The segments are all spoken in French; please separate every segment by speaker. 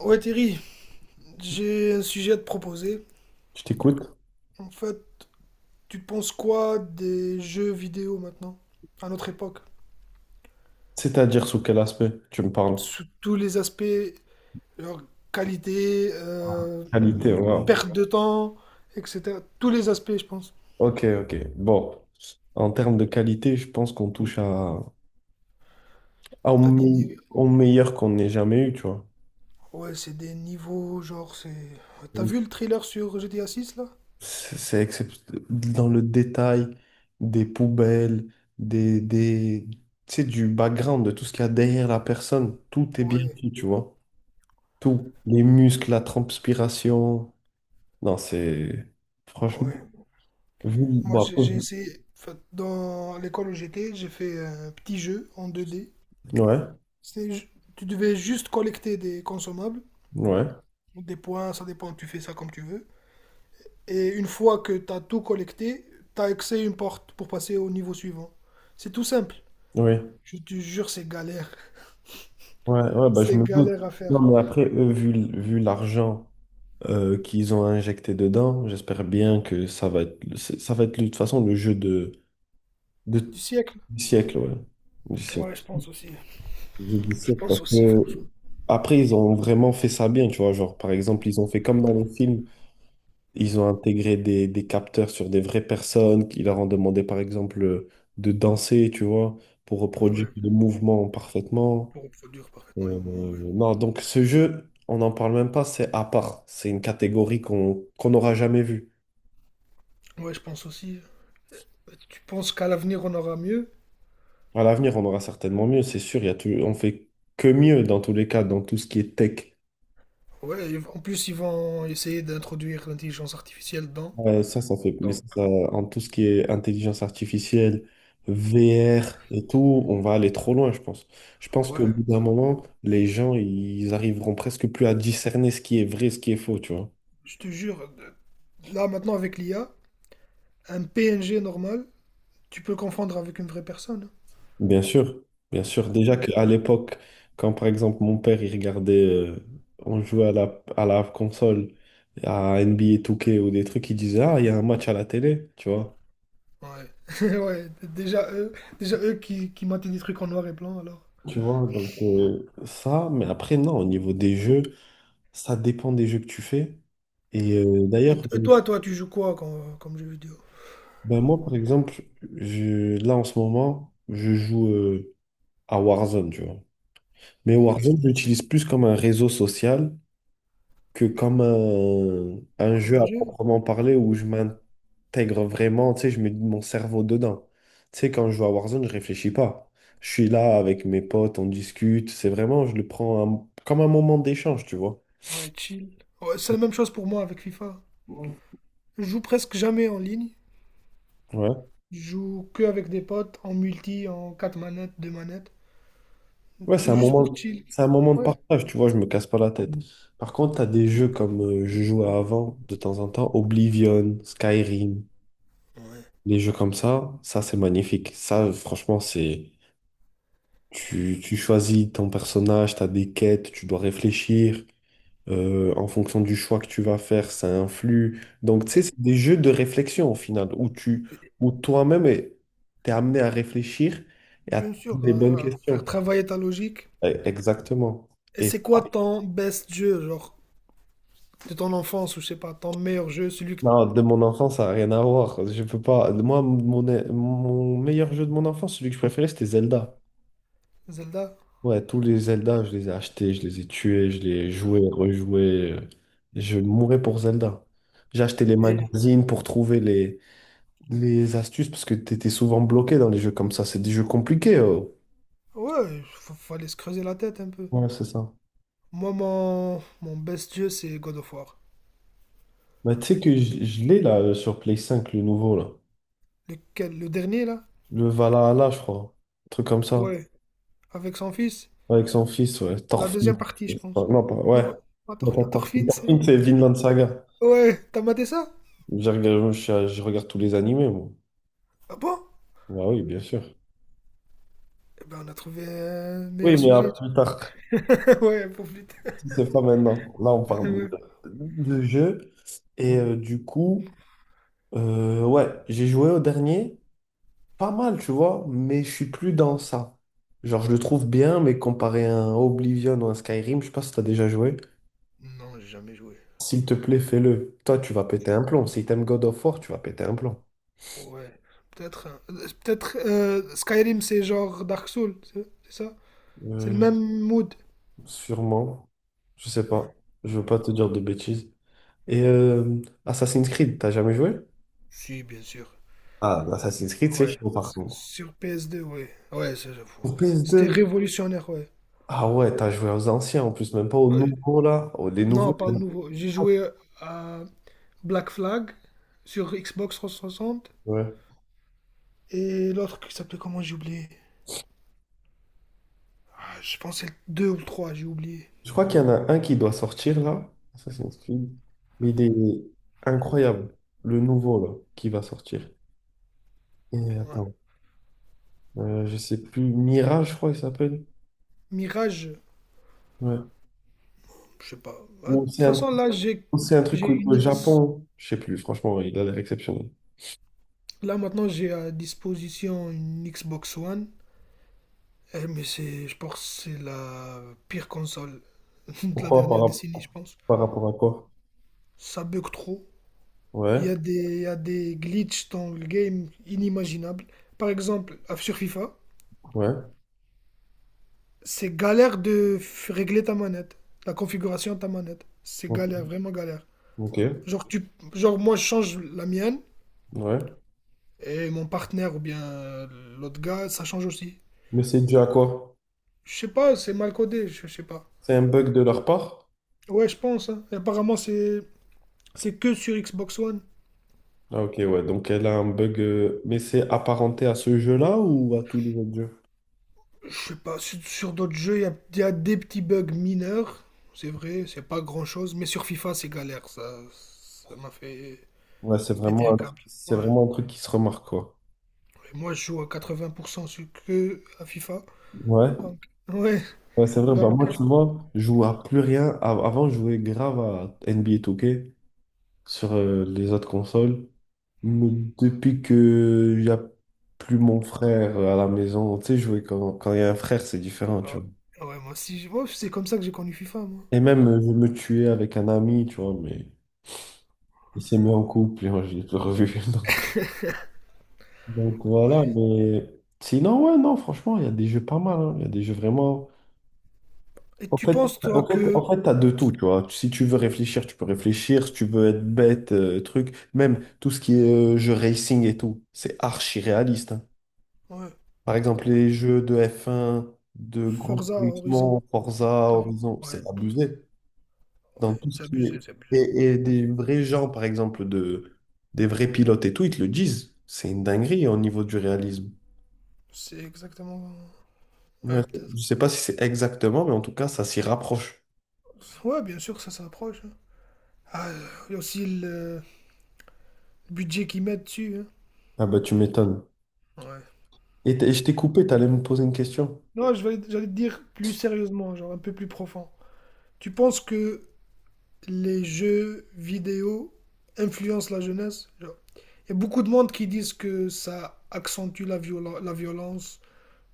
Speaker 1: Ouais Thierry, j'ai un sujet à te proposer.
Speaker 2: Je t'écoute.
Speaker 1: En fait, tu penses quoi des jeux vidéo maintenant, à notre époque?
Speaker 2: C'est-à-dire sous quel aspect tu me parles?
Speaker 1: Sous tous les aspects, leur qualité,
Speaker 2: Qualité, wow.
Speaker 1: perte de temps, etc. Tous les aspects, je pense.
Speaker 2: Ok, ok. Bon, en termes de qualité, je pense qu'on touche à, à au,
Speaker 1: T'as des
Speaker 2: me-
Speaker 1: ni-
Speaker 2: au meilleur qu'on n'ait jamais eu, tu vois.
Speaker 1: Ouais, c'est des niveaux, genre, c'est... T'as vu le trailer sur GTA 6, là?
Speaker 2: C'est c'est excep- Dans le détail des poubelles, des, des, tu sais, du background, de tout ce qu'il y a derrière la personne. Tout est bien
Speaker 1: Ouais,
Speaker 2: fait, tu vois. Tout. Les muscles, la transpiration. Non, Franchement.
Speaker 1: ouais.
Speaker 2: vu...
Speaker 1: Moi,
Speaker 2: Bah,
Speaker 1: j'ai essayé... En fait, dans l'école où j'étais, j'ai fait un petit jeu en 2D.
Speaker 2: ouais,
Speaker 1: C'est... ju- Tu devais juste collecter des consommables,
Speaker 2: ouais, ouais.
Speaker 1: des points, ça dépend, tu fais ça comme tu veux. Et une fois que tu as tout collecté, tu as accès à une porte pour passer au niveau suivant. C'est tout simple.
Speaker 2: Oui.
Speaker 1: Je te jure, c'est galère.
Speaker 2: Ouais, ouais, bah, je
Speaker 1: C'est
Speaker 2: me doute.
Speaker 1: galère à
Speaker 2: Non,
Speaker 1: faire.
Speaker 2: mais après, eux, vu l'argent qu'ils ont injecté dedans, j'espère bien que ça va être de toute façon le jeu
Speaker 1: Du
Speaker 2: de,
Speaker 1: siècle.
Speaker 2: du siècle, ouais. Du siècle.
Speaker 1: Ouais, je pense aussi.
Speaker 2: Le jeu du
Speaker 1: Je
Speaker 2: siècle, parce
Speaker 1: pense
Speaker 2: que
Speaker 1: aussi, franchement.
Speaker 2: après, ils ont vraiment fait ça bien, tu vois. Genre, par exemple, ils ont fait comme dans les films, ils ont intégré des capteurs sur des vraies personnes qui leur ont demandé, par exemple, de danser, tu vois, pour reproduire
Speaker 1: Ouais,
Speaker 2: le mouvement parfaitement.
Speaker 1: pour reproduire parfaitement les
Speaker 2: Euh,
Speaker 1: mouvements, ouais.
Speaker 2: non, donc ce jeu, on n'en parle même pas, c'est à part. C'est une catégorie qu'on n'aura jamais vue.
Speaker 1: Ouais, je pense aussi. Tu penses qu'à l'avenir, on aura mieux.
Speaker 2: À l'avenir, on aura certainement mieux, c'est sûr. Il y a tout, on fait que mieux dans tous les cas, dans tout ce qui est tech.
Speaker 1: Ouais, et en plus, ils vont essayer d'introduire l'intelligence artificielle dedans.
Speaker 2: Ça, ça fait, mais ça,
Speaker 1: Donc,
Speaker 2: ça- En tout ce qui est intelligence artificielle, VR et tout, on va aller trop loin, je pense. Je pense qu'au
Speaker 1: ouais,
Speaker 2: bout d'un moment, les gens, ils arriveront presque plus à discerner ce qui est vrai, ce qui est faux, tu vois.
Speaker 1: je te jure, là maintenant avec l'IA, un PNG normal, tu peux le confondre avec une vraie personne.
Speaker 2: Bien sûr, bien sûr. Déjà
Speaker 1: Ouais.
Speaker 2: qu'à l'époque, quand par exemple mon père il regardait, on jouait à la console, à NBA 2K ou des trucs, il disait Ah, il y a un match à la télé, tu vois.
Speaker 1: Ouais. Ouais. Déjà eux qui mettent des trucs en noir et blanc alors.
Speaker 2: Tu vois, donc ça, mais après, non, au niveau des jeux, ça dépend des jeux que tu fais. Et
Speaker 1: Et,
Speaker 2: d'ailleurs,
Speaker 1: et toi, toi, tu joues quoi comme, comme jeu vidéo?
Speaker 2: ben moi par exemple, là en ce moment, je joue à Warzone, tu vois. Mais
Speaker 1: Ok.
Speaker 2: Warzone, je l'utilise plus comme un réseau social que comme un
Speaker 1: Comme
Speaker 2: jeu
Speaker 1: un
Speaker 2: à
Speaker 1: jeu?
Speaker 2: proprement parler où je m'intègre vraiment, tu sais, je mets mon cerveau dedans. Tu sais, quand je joue à Warzone, je réfléchis pas. Je suis là avec mes potes, on discute. C'est vraiment, je le prends comme un moment d'échange, tu vois.
Speaker 1: Ouais, chill. Ouais, c'est la même chose pour moi avec FIFA.
Speaker 2: Ouais.
Speaker 1: Je joue presque jamais en ligne. Je joue que avec des potes, en multi, en 4 manettes, 2 manettes.
Speaker 2: Ouais,
Speaker 1: C'est juste pour chill.
Speaker 2: c'est un moment de
Speaker 1: Ouais.
Speaker 2: partage, tu vois, je me casse pas la tête. Par contre, tu as des jeux comme je jouais avant, de temps en temps, Oblivion, Skyrim,
Speaker 1: Ouais.
Speaker 2: les jeux comme ça c'est magnifique. Ça, franchement, c'est. Tu choisis ton personnage, tu as des quêtes, tu dois réfléchir. En fonction du choix que tu vas faire, ça influe. Donc, tu sais,
Speaker 1: Et
Speaker 2: c'est des jeux de réflexion au final, où toi-même, t'es amené à réfléchir et à
Speaker 1: bien
Speaker 2: te poser
Speaker 1: sûr,
Speaker 2: des bonnes
Speaker 1: faire
Speaker 2: questions.
Speaker 1: travailler ta logique.
Speaker 2: Eh, exactement.
Speaker 1: Et
Speaker 2: Et
Speaker 1: c'est quoi ton best jeu, genre, de ton enfance ou je sais pas, ton meilleur jeu, celui...
Speaker 2: non, de mon enfance, ça n'a rien à voir. Je peux pas. Moi, mon meilleur jeu de mon enfance, celui que je préférais, c'était Zelda.
Speaker 1: Zelda.
Speaker 2: Ouais, tous les Zelda, je les ai achetés, je les ai tués, je les ai joués, rejoués. Je mourais pour Zelda. J'ai acheté les
Speaker 1: Et
Speaker 2: magazines pour trouver les astuces parce que t'étais souvent bloqué dans les jeux comme ça. C'est des jeux compliqués. Oh.
Speaker 1: ouais, fallait se creuser la tête un peu.
Speaker 2: Ouais, c'est ça.
Speaker 1: Moi, mon best jeu, c'est God of War.
Speaker 2: Mais tu sais que je l'ai là sur Play 5, le nouveau là.
Speaker 1: Lequel, le dernier, là?
Speaker 2: Le Valhalla, je crois. Un truc comme ça.
Speaker 1: Ouais, avec son fils.
Speaker 2: Avec son fils, ouais.
Speaker 1: La
Speaker 2: Thorfinn.
Speaker 1: deuxième partie, je pense.
Speaker 2: Non, pas, ouais.
Speaker 1: Non, pas
Speaker 2: Non, pas
Speaker 1: Thorfinn.
Speaker 2: Thorfinn.
Speaker 1: Thorfinn, c'est...
Speaker 2: Thorfinn, c'est Vinland Saga.
Speaker 1: Ouais, t'as maté ça?
Speaker 2: Je regarde tous les animés, moi.
Speaker 1: Ah bon?
Speaker 2: Bah oui, bien sûr.
Speaker 1: Eh ben, on a trouvé un
Speaker 2: Oui,
Speaker 1: meilleur
Speaker 2: mais à
Speaker 1: sujet.
Speaker 2: plus tard.
Speaker 1: Ouais, pour plus tard.
Speaker 2: Si c'est pas maintenant. Là, on parle
Speaker 1: Ouais.
Speaker 2: de, de jeu. Et du coup, ouais, j'ai joué au dernier. Pas mal, tu vois, mais je suis plus dans ça. Genre, je le trouve bien, mais comparé à un Oblivion ou un Skyrim, je sais pas si t'as déjà joué.
Speaker 1: Non, j'ai jamais joué.
Speaker 2: S'il te plaît, fais-le. Toi, tu vas péter un plomb. Si t'aimes God of War, tu vas péter un plomb.
Speaker 1: Ouais, peut-être... peut-être Skyrim, c'est genre Dark Souls, c'est ça? C'est le
Speaker 2: Euh,
Speaker 1: même mood.
Speaker 2: Sûrement. Je sais
Speaker 1: Ouais.
Speaker 2: pas. Je veux pas te dire de bêtises. Et Assassin's Creed, t'as jamais joué?
Speaker 1: Si, bien sûr.
Speaker 2: Ah, Assassin's Creed, c'est
Speaker 1: Ouais,
Speaker 2: chaud par
Speaker 1: parce que
Speaker 2: contre.
Speaker 1: sur PS2, ouais. Ouais, ça, j'avoue.
Speaker 2: Pour
Speaker 1: C'était
Speaker 2: PS2?
Speaker 1: révolutionnaire, ouais.
Speaker 2: Ah ouais, t'as joué aux anciens en plus, même pas aux
Speaker 1: Ouais.
Speaker 2: nouveaux là. Oh, les
Speaker 1: Non,
Speaker 2: nouveaux,
Speaker 1: pas
Speaker 2: il
Speaker 1: au
Speaker 2: y en a
Speaker 1: nouveau. J'ai
Speaker 2: pas,
Speaker 1: joué à Black Flag sur Xbox 360
Speaker 2: ouais.
Speaker 1: et l'autre qui s'appelait comment j'ai oublié. Ah, je pensais 2 ou 3, j'ai oublié.
Speaker 2: Je crois qu'il y en a un qui doit sortir là, Assassin's Creed. Mais il est incroyable, le nouveau là, qui va sortir. Et
Speaker 1: Ouais.
Speaker 2: attends, je sais plus, Mirage, je crois qu'il s'appelle.
Speaker 1: Mirage,
Speaker 2: Ouais.
Speaker 1: je sais pas. Ah, de
Speaker 2: Ou
Speaker 1: toute
Speaker 2: c'est un,
Speaker 1: façon, là,
Speaker 2: ou c'est un truc
Speaker 1: j'ai
Speaker 2: au
Speaker 1: une
Speaker 2: au
Speaker 1: X.
Speaker 2: Japon, je sais plus, franchement, il a l'air exceptionnel.
Speaker 1: Là, maintenant, j'ai à disposition une Xbox One. Eh, mais c'est, je pense que c'est la pire console de la
Speaker 2: Pourquoi par,
Speaker 1: dernière
Speaker 2: rap-
Speaker 1: décennie, je pense.
Speaker 2: par rapport à quoi?
Speaker 1: Ça bug trop.
Speaker 2: Ouais,
Speaker 1: Il y a des glitches dans le game inimaginables. Par exemple, sur FIFA,
Speaker 2: ouais,
Speaker 1: c'est galère de régler ta manette, la configuration de ta manette. C'est
Speaker 2: ok,
Speaker 1: galère, vraiment galère.
Speaker 2: ok,
Speaker 1: Genre, tu, genre moi, je change la mienne
Speaker 2: ouais.
Speaker 1: et mon partenaire ou bien l'autre gars, ça change aussi.
Speaker 2: Mais c'est dû à quoi?
Speaker 1: Je sais pas, c'est mal codé, je sais pas.
Speaker 2: C'est un bug de leur part?
Speaker 1: Ouais, je pense, hein. Et apparemment, c'est que sur Xbox One.
Speaker 2: Ah, ok, ouais, donc elle a un bug, mais c'est apparenté à ce jeu-là ou à tous les autres jeux?
Speaker 1: Je sais pas, sur d'autres jeux, il y a des petits bugs mineurs, c'est vrai, c'est pas grand-chose, mais sur FIFA, c'est galère, ça m'a fait
Speaker 2: Ouais,
Speaker 1: péter un câble. Ouais.
Speaker 2: c'est vraiment un truc qui se remarque, quoi.
Speaker 1: Et moi, je joue à 80% sur que à FIFA,
Speaker 2: Ouais,
Speaker 1: donc, ouais,
Speaker 2: ouais, c'est vrai. Bah, moi,
Speaker 1: donc, euh,
Speaker 2: tu vois, je joue à plus rien. Avant, je jouais grave à NBA 2K sur les autres consoles. Mais depuis que il n'y a plus mon frère à la maison, tu sais, jouer quand il y a un frère, c'est différent, tu vois.
Speaker 1: ouais, Ouais, moi aussi, moi, c'est comme ça que j'ai connu FIFA, moi.
Speaker 2: Et même, je me tuais avec un ami, tu vois, mais il s'est mis en couple et moi, je l'ai plus revu. Donc voilà,
Speaker 1: Ouais.
Speaker 2: mais sinon, ouais, non, franchement, il y a des jeux pas mal. Hein. Il y a des jeux vraiment.
Speaker 1: Et
Speaker 2: En
Speaker 1: tu
Speaker 2: fait,
Speaker 1: penses, toi, que...
Speaker 2: en fait, t'as de tout, tu vois. Si tu veux réfléchir, tu peux réfléchir. Si tu veux être bête, truc. Même tout ce qui est jeu racing et tout, c'est archi réaliste. Hein.
Speaker 1: Ouais,
Speaker 2: Par exemple, les jeux de f un de Grand
Speaker 1: Forza Horizon,
Speaker 2: Turismo, Forza,
Speaker 1: t'as vu?
Speaker 2: Horizon,
Speaker 1: Ouais,
Speaker 2: c'est abusé. Dans
Speaker 1: ouais,
Speaker 2: tout ce
Speaker 1: c'est
Speaker 2: qui
Speaker 1: abusé,
Speaker 2: est.
Speaker 1: c'est abusé.
Speaker 2: Et des vrais gens, par exemple, des vrais pilotes et tout, ils te le disent. C'est une dinguerie au niveau du réalisme.
Speaker 1: C'est exactement,
Speaker 2: Ouais,
Speaker 1: ouais, peut-être.
Speaker 2: je sais pas si c'est exactement, mais en tout cas, ça s'y rapproche.
Speaker 1: Ouais, bien sûr, ça s'approche, hein. Ah, il y a aussi le... le budget qu'ils mettent dessus, hein.
Speaker 2: Ah bah tu m'étonnes.
Speaker 1: Ouais.
Speaker 2: Et je t'ai coupé, t'allais me poser une question.
Speaker 1: Non, j'allais te dire plus sérieusement, genre un peu plus profond. Tu penses que les jeux vidéo influencent la jeunesse? Genre, il y a beaucoup de monde qui disent que ça accentue la la violence,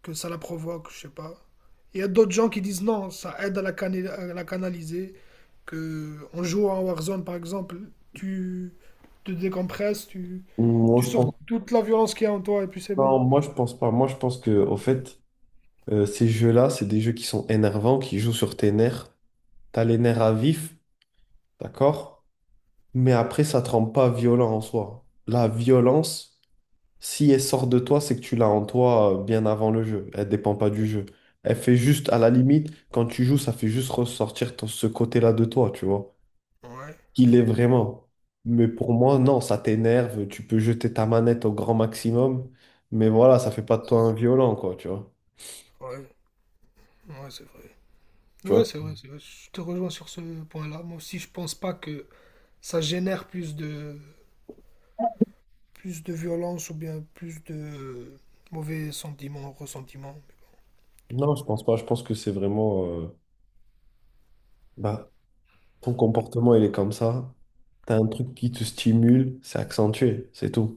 Speaker 1: que ça la provoque, je sais pas. Il y a d'autres gens qui disent non, ça aide à la, à la canaliser, que en jouant à Warzone par exemple, tu te décompresses,
Speaker 2: Moi,
Speaker 1: tu
Speaker 2: je
Speaker 1: sors
Speaker 2: pense...
Speaker 1: toute la violence qu'il y a en toi et puis c'est
Speaker 2: Non,
Speaker 1: bon.
Speaker 2: moi, je pense pas. Moi, je pense que, au fait, ces jeux-là, c'est des jeux qui sont énervants, qui jouent sur tes nerfs. T'as les nerfs à vif, d'accord? Mais après, ça te rend pas violent en soi. La violence, si elle sort de toi, c'est que tu l'as en toi bien avant le jeu. Elle dépend pas du jeu. Elle fait juste, à la limite, quand tu joues, ça fait juste ressortir ce côté-là de toi, tu vois,
Speaker 1: Ouais,
Speaker 2: qu'il est vraiment. Mais pour moi, non, ça t'énerve, tu peux jeter ta manette au grand maximum, mais voilà, ça fait pas de toi un violent, quoi, tu vois.
Speaker 1: ouais. Ouais, c'est vrai.
Speaker 2: Tu
Speaker 1: Ouais,
Speaker 2: vois?
Speaker 1: c'est vrai, c'est vrai. Je te rejoins sur ce point-là. Moi aussi, je pense pas que ça génère plus de violence ou bien plus de mauvais sentiments, ressentiments.
Speaker 2: Non, je pense pas, je pense que c'est vraiment, bah, ton comportement, il est comme ça, t'as un truc qui te stimule, c'est accentué, c'est tout.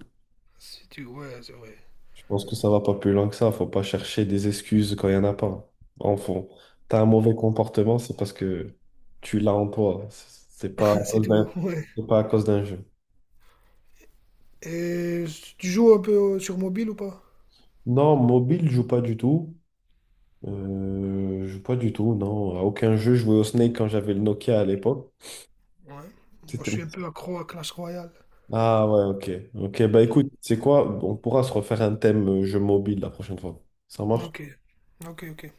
Speaker 1: Si tu... Ouais, c'est vrai.
Speaker 2: Je pense que ça va pas plus loin que ça, faut pas chercher des excuses quand il y en a pas. En fond, t'as un mauvais comportement, c'est parce que tu l'as en toi, c'est pas à
Speaker 1: C'est
Speaker 2: cause
Speaker 1: tout, ouais.
Speaker 2: d'un jeu.
Speaker 1: Et tu joues un peu sur mobile ou pas?
Speaker 2: Non, mobile, je joue pas du tout. Pas du tout, non. À aucun jeu, je jouais au Snake quand j'avais le Nokia à l'époque.
Speaker 1: Ouais. Moi, je
Speaker 2: C'était...
Speaker 1: suis un peu accro à Clash Royale.
Speaker 2: Ah ouais, ok. Ok, bah écoute, c'est quoi? On pourra se refaire un thème jeu mobile la prochaine fois. Ça marche?
Speaker 1: Ok. Ok, ok.